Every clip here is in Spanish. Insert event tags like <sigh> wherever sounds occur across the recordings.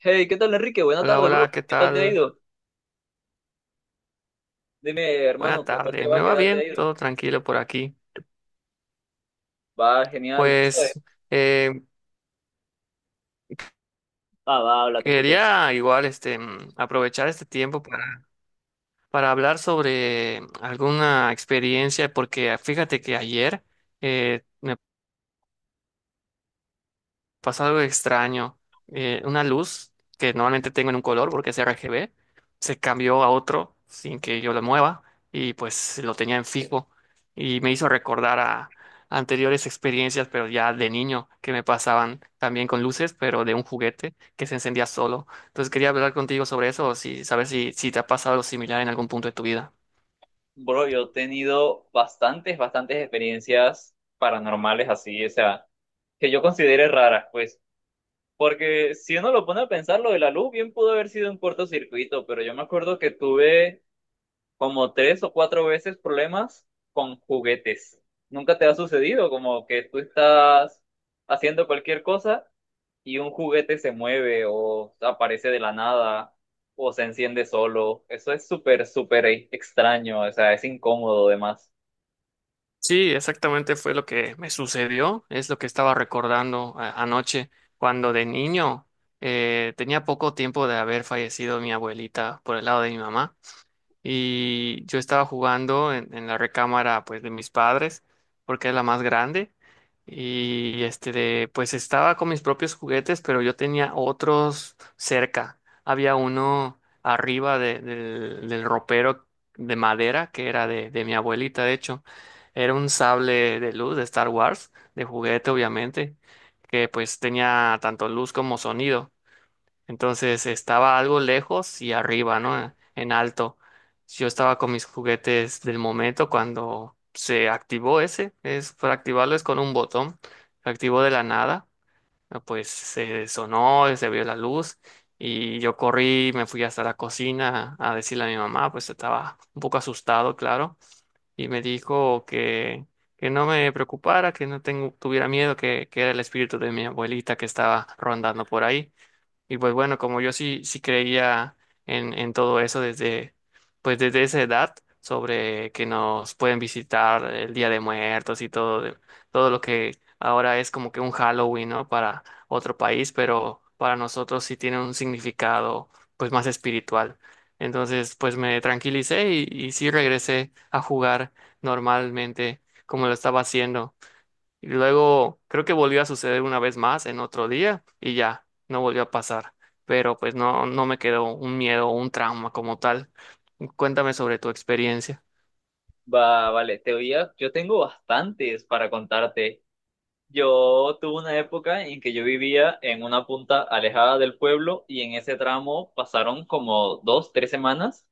Hey, ¿qué tal, Enrique? Buena Hola, tarde, bro. hola, ¿qué ¿Qué tal te ha tal? ido? Dime, Buena hermano, ¿qué tal te tarde. ¿Me va? ¿Qué va tal te ha bien? ido? Todo tranquilo por aquí. Va, genial. Joder. Pues eh, Ah, va, habla, te escucho. quería igual aprovechar este tiempo para hablar sobre alguna experiencia, porque fíjate que ayer eh, pasa algo extraño. Una luz que normalmente tengo en un color porque es RGB, se cambió a otro sin que yo lo mueva y pues lo tenía en fijo y me hizo recordar a anteriores experiencias, pero ya de niño, que me pasaban también con luces, pero de un juguete que se encendía solo. Entonces quería hablar contigo sobre eso, o si saber si te ha pasado algo similar en algún punto de tu vida. Bro, yo he tenido bastantes, bastantes experiencias paranormales así, o sea, que yo considere raras, pues. Porque si uno lo pone a pensar, lo de la luz bien pudo haber sido un cortocircuito, pero yo me acuerdo que tuve como tres o cuatro veces problemas con juguetes. ¿Nunca te ha sucedido como que tú estás haciendo cualquier cosa y un juguete se mueve o aparece de la nada o se enciende solo? Eso es súper, súper extraño, o sea, es incómodo además. Sí, exactamente fue lo que me sucedió, es lo que estaba recordando anoche, cuando de niño tenía poco tiempo de haber fallecido mi abuelita por el lado de mi mamá y yo estaba jugando en la recámara pues de mis padres porque es la más grande y pues estaba con mis propios juguetes pero yo tenía otros cerca, había uno arriba del ropero de madera que era de mi abuelita, de hecho era un sable de luz de Star Wars, de juguete obviamente, que pues tenía tanto luz como sonido. Entonces estaba algo lejos y arriba, ¿no? En alto. Yo estaba con mis juguetes del momento cuando se activó ese. Es, para activarlo es con un botón. Se activó de la nada. Pues se sonó, se vio la luz. Y yo corrí, me fui hasta la cocina a decirle a mi mamá, pues estaba un poco asustado, claro. Y me dijo que no me preocupara, que no tengo, tuviera miedo, que era el espíritu de mi abuelita que estaba rondando por ahí. Y pues bueno, como yo sí creía en todo eso pues desde esa edad, sobre que nos pueden visitar el Día de Muertos y todo, todo lo que ahora es como que un Halloween, ¿no? Para otro país, pero para nosotros sí tiene un significado pues más espiritual. Entonces, pues me tranquilicé y sí regresé a jugar normalmente como lo estaba haciendo. Y luego creo que volvió a suceder una vez más en otro día y ya, no volvió a pasar. Pero pues no, no me quedó un miedo o un trauma como tal. Cuéntame sobre tu experiencia. Va, vale, yo tengo bastantes para contarte. Yo tuve una época en que yo vivía en una punta alejada del pueblo y en ese tramo pasaron como dos, tres semanas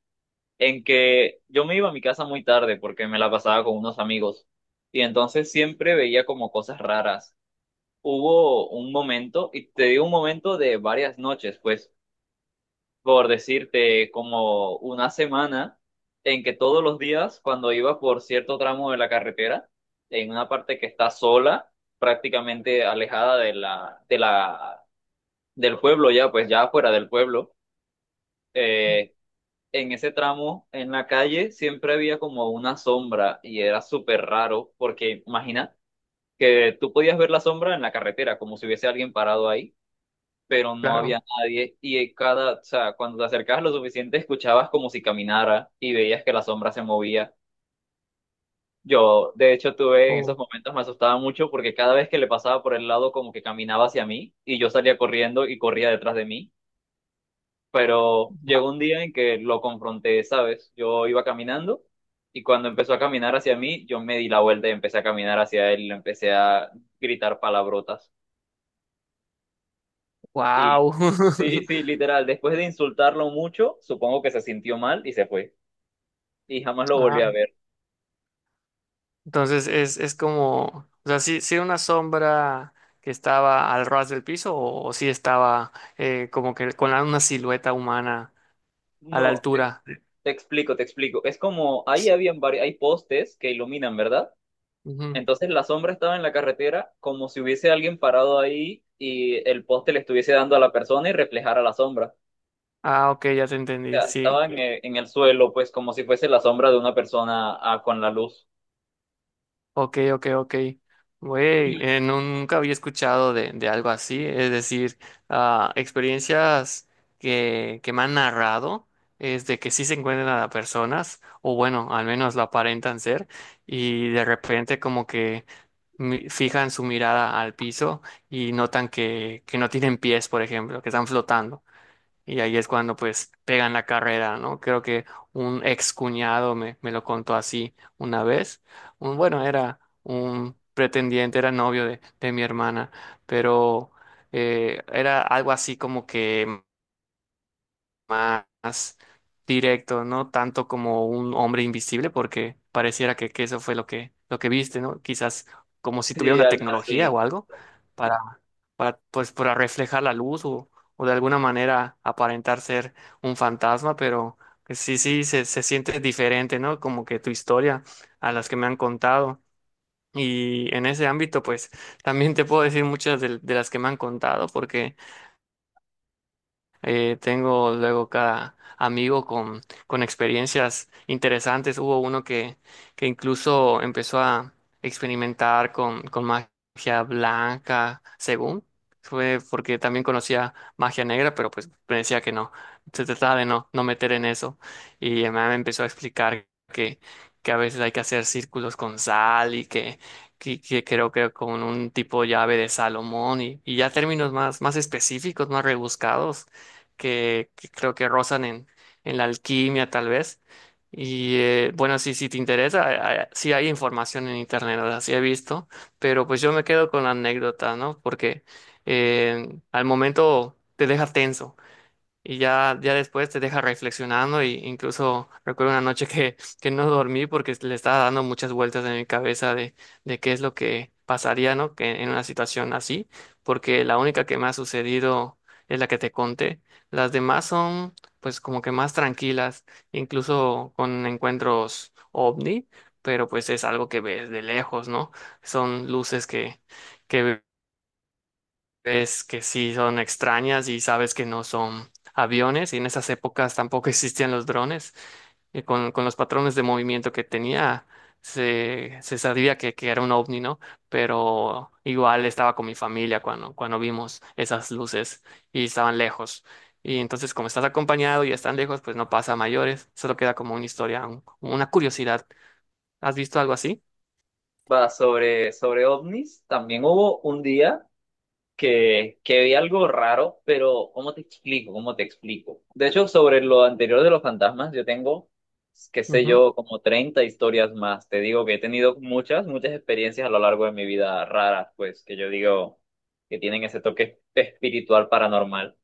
en que yo me iba a mi casa muy tarde porque me la pasaba con unos amigos y entonces siempre veía como cosas raras. Hubo un momento, y te digo un momento de varias noches, pues, por decirte, como una semana en que todos los días, cuando iba por cierto tramo de la carretera, en una parte que está sola, prácticamente alejada de la, del pueblo ya, pues ya fuera del pueblo, eh, en ese tramo, en la calle, siempre había como una sombra y era súper raro porque imagina que tú podías ver la sombra en la carretera, como si hubiese alguien parado ahí, pero no había Claro. nadie y en cada, o sea, cuando te acercabas lo suficiente escuchabas como si caminara y veías que la sombra se movía. Yo, de hecho, tuve en esos Oh, momentos me asustaba mucho porque cada vez que le pasaba por el lado como que caminaba hacia mí y yo salía corriendo y corría detrás de mí, pero llegó un día en que lo confronté, ¿sabes? Yo iba caminando y cuando empezó a caminar hacia mí, yo me di la vuelta y empecé a caminar hacia él y le empecé a gritar palabrotas. Y wow. sí, <laughs> sí, literal, después de insultarlo mucho, supongo que se sintió mal y se fue. Y jamás lo volví Ajá. a ver. Entonces es como, o sea, si una sombra que estaba al ras del piso o, si estaba como que con una silueta humana a la No, te, altura. te explico, te explico. Es como, ahí habían varios, hay postes que iluminan, ¿verdad? Ujú. Entonces la sombra estaba en la carretera como si hubiese alguien parado ahí y el poste le estuviese dando a la persona y reflejara la sombra. Ah, ok, ya te entendí, Sea, sí. estaban en el suelo, pues como si fuese la sombra de una persona, ah, con la luz. Ok, ok, ok. Güey, Y nunca había escuchado de algo así. Es decir, ah, experiencias que me han narrado, es de que sí se encuentran a personas, o bueno, al menos lo aparentan ser, y de repente como que fijan su mirada al piso y notan que no tienen pies, por ejemplo, que están flotando. Y ahí es cuando pues pegan la carrera, ¿no? Creo que un ex cuñado me lo contó así una vez. Un, bueno, era un pretendiente, era novio de mi hermana, pero era algo así como que más directo, no tanto como un hombre invisible, porque pareciera que eso fue lo que viste, ¿no? Quizás como si tuviera sí, una algo tecnología así. o algo para, pues, para reflejar la luz o de alguna manera aparentar ser un fantasma, pero que se siente diferente, ¿no? Como que tu historia a las que me han contado. Y en ese ámbito, pues también te puedo decir muchas de las que me han contado, porque tengo luego cada amigo con experiencias interesantes. Hubo uno que incluso empezó a experimentar con magia blanca, según. Fue porque también conocía magia negra, pero pues me decía que no. Se trataba de no, no meter en eso. Y mi mamá me empezó a explicar que, que a veces hay que hacer círculos con sal y que creo que con un tipo llave de Salomón y ya términos más específicos, más rebuscados que creo que rozan en la alquimia tal vez. Y bueno, sí, si te interesa, sí hay información en internet, o sea, sí he visto, pero pues yo me quedo con la anécdota, ¿no? Porque al momento te deja tenso y ya, ya después te deja reflexionando y incluso recuerdo una noche que no dormí porque le estaba dando muchas vueltas en mi cabeza de qué es lo que pasaría, ¿no? Que en una situación así, porque la única que me ha sucedido es la que te conté. Las demás son pues como que más tranquilas, incluso con encuentros ovni, pero pues es algo que ves de lejos, ¿no? Son luces que es que sí son extrañas y sabes que no son aviones y en esas épocas tampoco <laughs> existían los drones. Y con los patrones de movimiento que tenía, se sabía que era un ovni, ¿no? Pero igual estaba con mi familia cuando vimos esas luces y estaban lejos. Y entonces, como estás acompañado y están lejos, pues no pasa a mayores, solo queda como una historia, una curiosidad. ¿Has visto algo así? Va sobre, sobre ovnis. También hubo un día que vi algo raro, pero ¿cómo te explico? ¿Cómo te explico? De hecho, sobre lo anterior de los fantasmas, yo tengo, qué sé Ujú. yo, como 30 historias más. Te digo que he tenido muchas, muchas experiencias a lo largo de mi vida raras, pues que yo digo que tienen ese toque espiritual paranormal.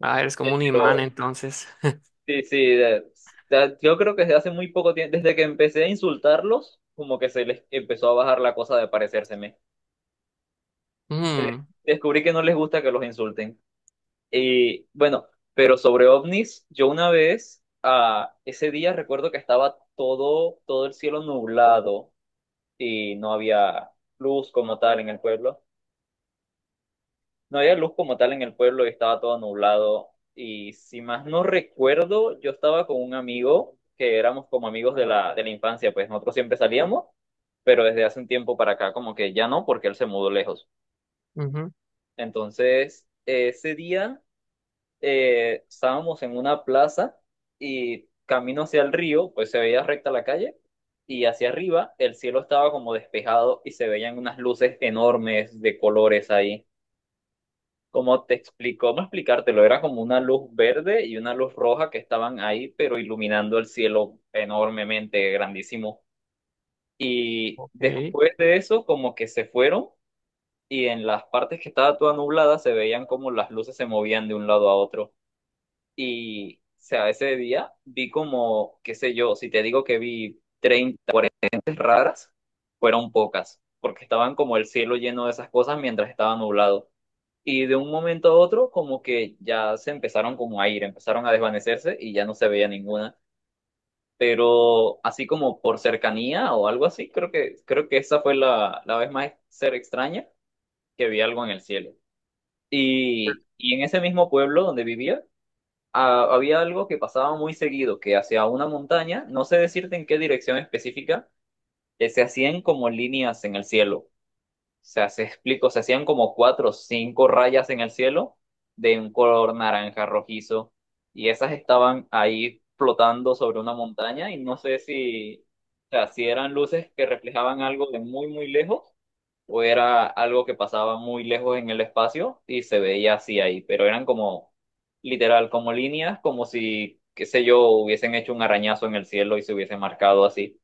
Ah, eres como un imán Pero entonces. <laughs> sí, sí, yo creo que desde hace muy poco tiempo, desde que empecé a insultarlos, como que se les empezó a bajar la cosa de parecérseme. Mm, Descubrí que no les gusta que los insulten. Y bueno, pero sobre ovnis, yo una vez, ah, ese día recuerdo que estaba todo, todo el cielo nublado y no había luz como tal en el pueblo. No había luz como tal en el pueblo y estaba todo nublado. Y si más no recuerdo, yo estaba con un amigo que éramos como amigos de la infancia, pues nosotros siempre salíamos, pero desde hace un tiempo para acá como que ya no, porque él se mudó lejos. ujú, Entonces, ese día estábamos en una plaza y camino hacia el río, pues se veía recta la calle y hacia arriba el cielo estaba como despejado y se veían unas luces enormes de colores ahí, como te explicó, no explicártelo, era como una luz verde y una luz roja que estaban ahí, pero iluminando el cielo enormemente, grandísimo. Y ok. después de eso, como que se fueron y en las partes que estaba toda nublada se veían como las luces se movían de un lado a otro. Y, o sea, ese día vi como, qué sé yo, si te digo que vi 30, luces raras, fueron pocas, porque estaban como el cielo lleno de esas cosas mientras estaba nublado. Y de un momento a otro, como que ya se empezaron como a ir, empezaron a desvanecerse y ya no se veía ninguna. Pero así como por cercanía o algo así, creo que esa fue la vez más ser extraña que vi algo en el cielo. Y en ese mismo pueblo donde vivía, ah, había algo que pasaba muy seguido, que hacia una montaña, no sé decirte en qué dirección específica, se hacían como líneas en el cielo, sea, se explico, se hacían como cuatro o cinco rayas en el cielo de un color naranja rojizo y esas estaban ahí flotando sobre una montaña y no sé si, o sea, si eran luces que reflejaban algo de muy, muy lejos o era algo que pasaba muy lejos en el espacio y se veía así ahí, pero eran como literal, como líneas, como si, qué sé yo, hubiesen hecho un arañazo en el cielo y se hubiese marcado así.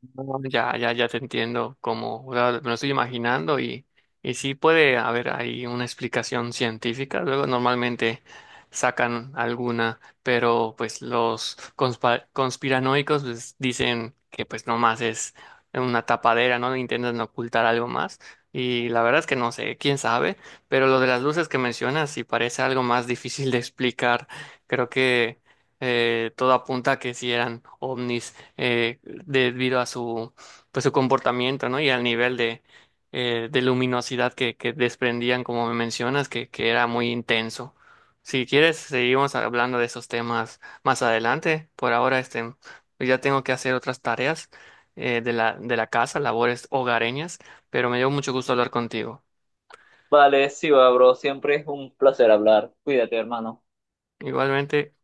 No, ya, ya, ya te entiendo, como me lo estoy imaginando y sí puede haber ahí una explicación científica, luego normalmente sacan alguna, pero pues los conspiranoicos pues, dicen que pues nomás es una tapadera, ¿no? Intentan ocultar algo más y la verdad es que no sé, quién sabe, pero lo de las luces que mencionas sí parece algo más <laughs> difícil de explicar, creo que todo apunta a que sí eran ovnis, debido a su, pues, su comportamiento, ¿no? Y al nivel de luminosidad que desprendían, como me mencionas, que era muy intenso. Si quieres, seguimos hablando de esos temas más adelante. Por ahora, pues, ya tengo que hacer otras tareas, de la casa, labores hogareñas, pero me dio mucho gusto hablar contigo. Vale, sí, va, bro, siempre es un placer hablar. Cuídate, hermano. Igualmente.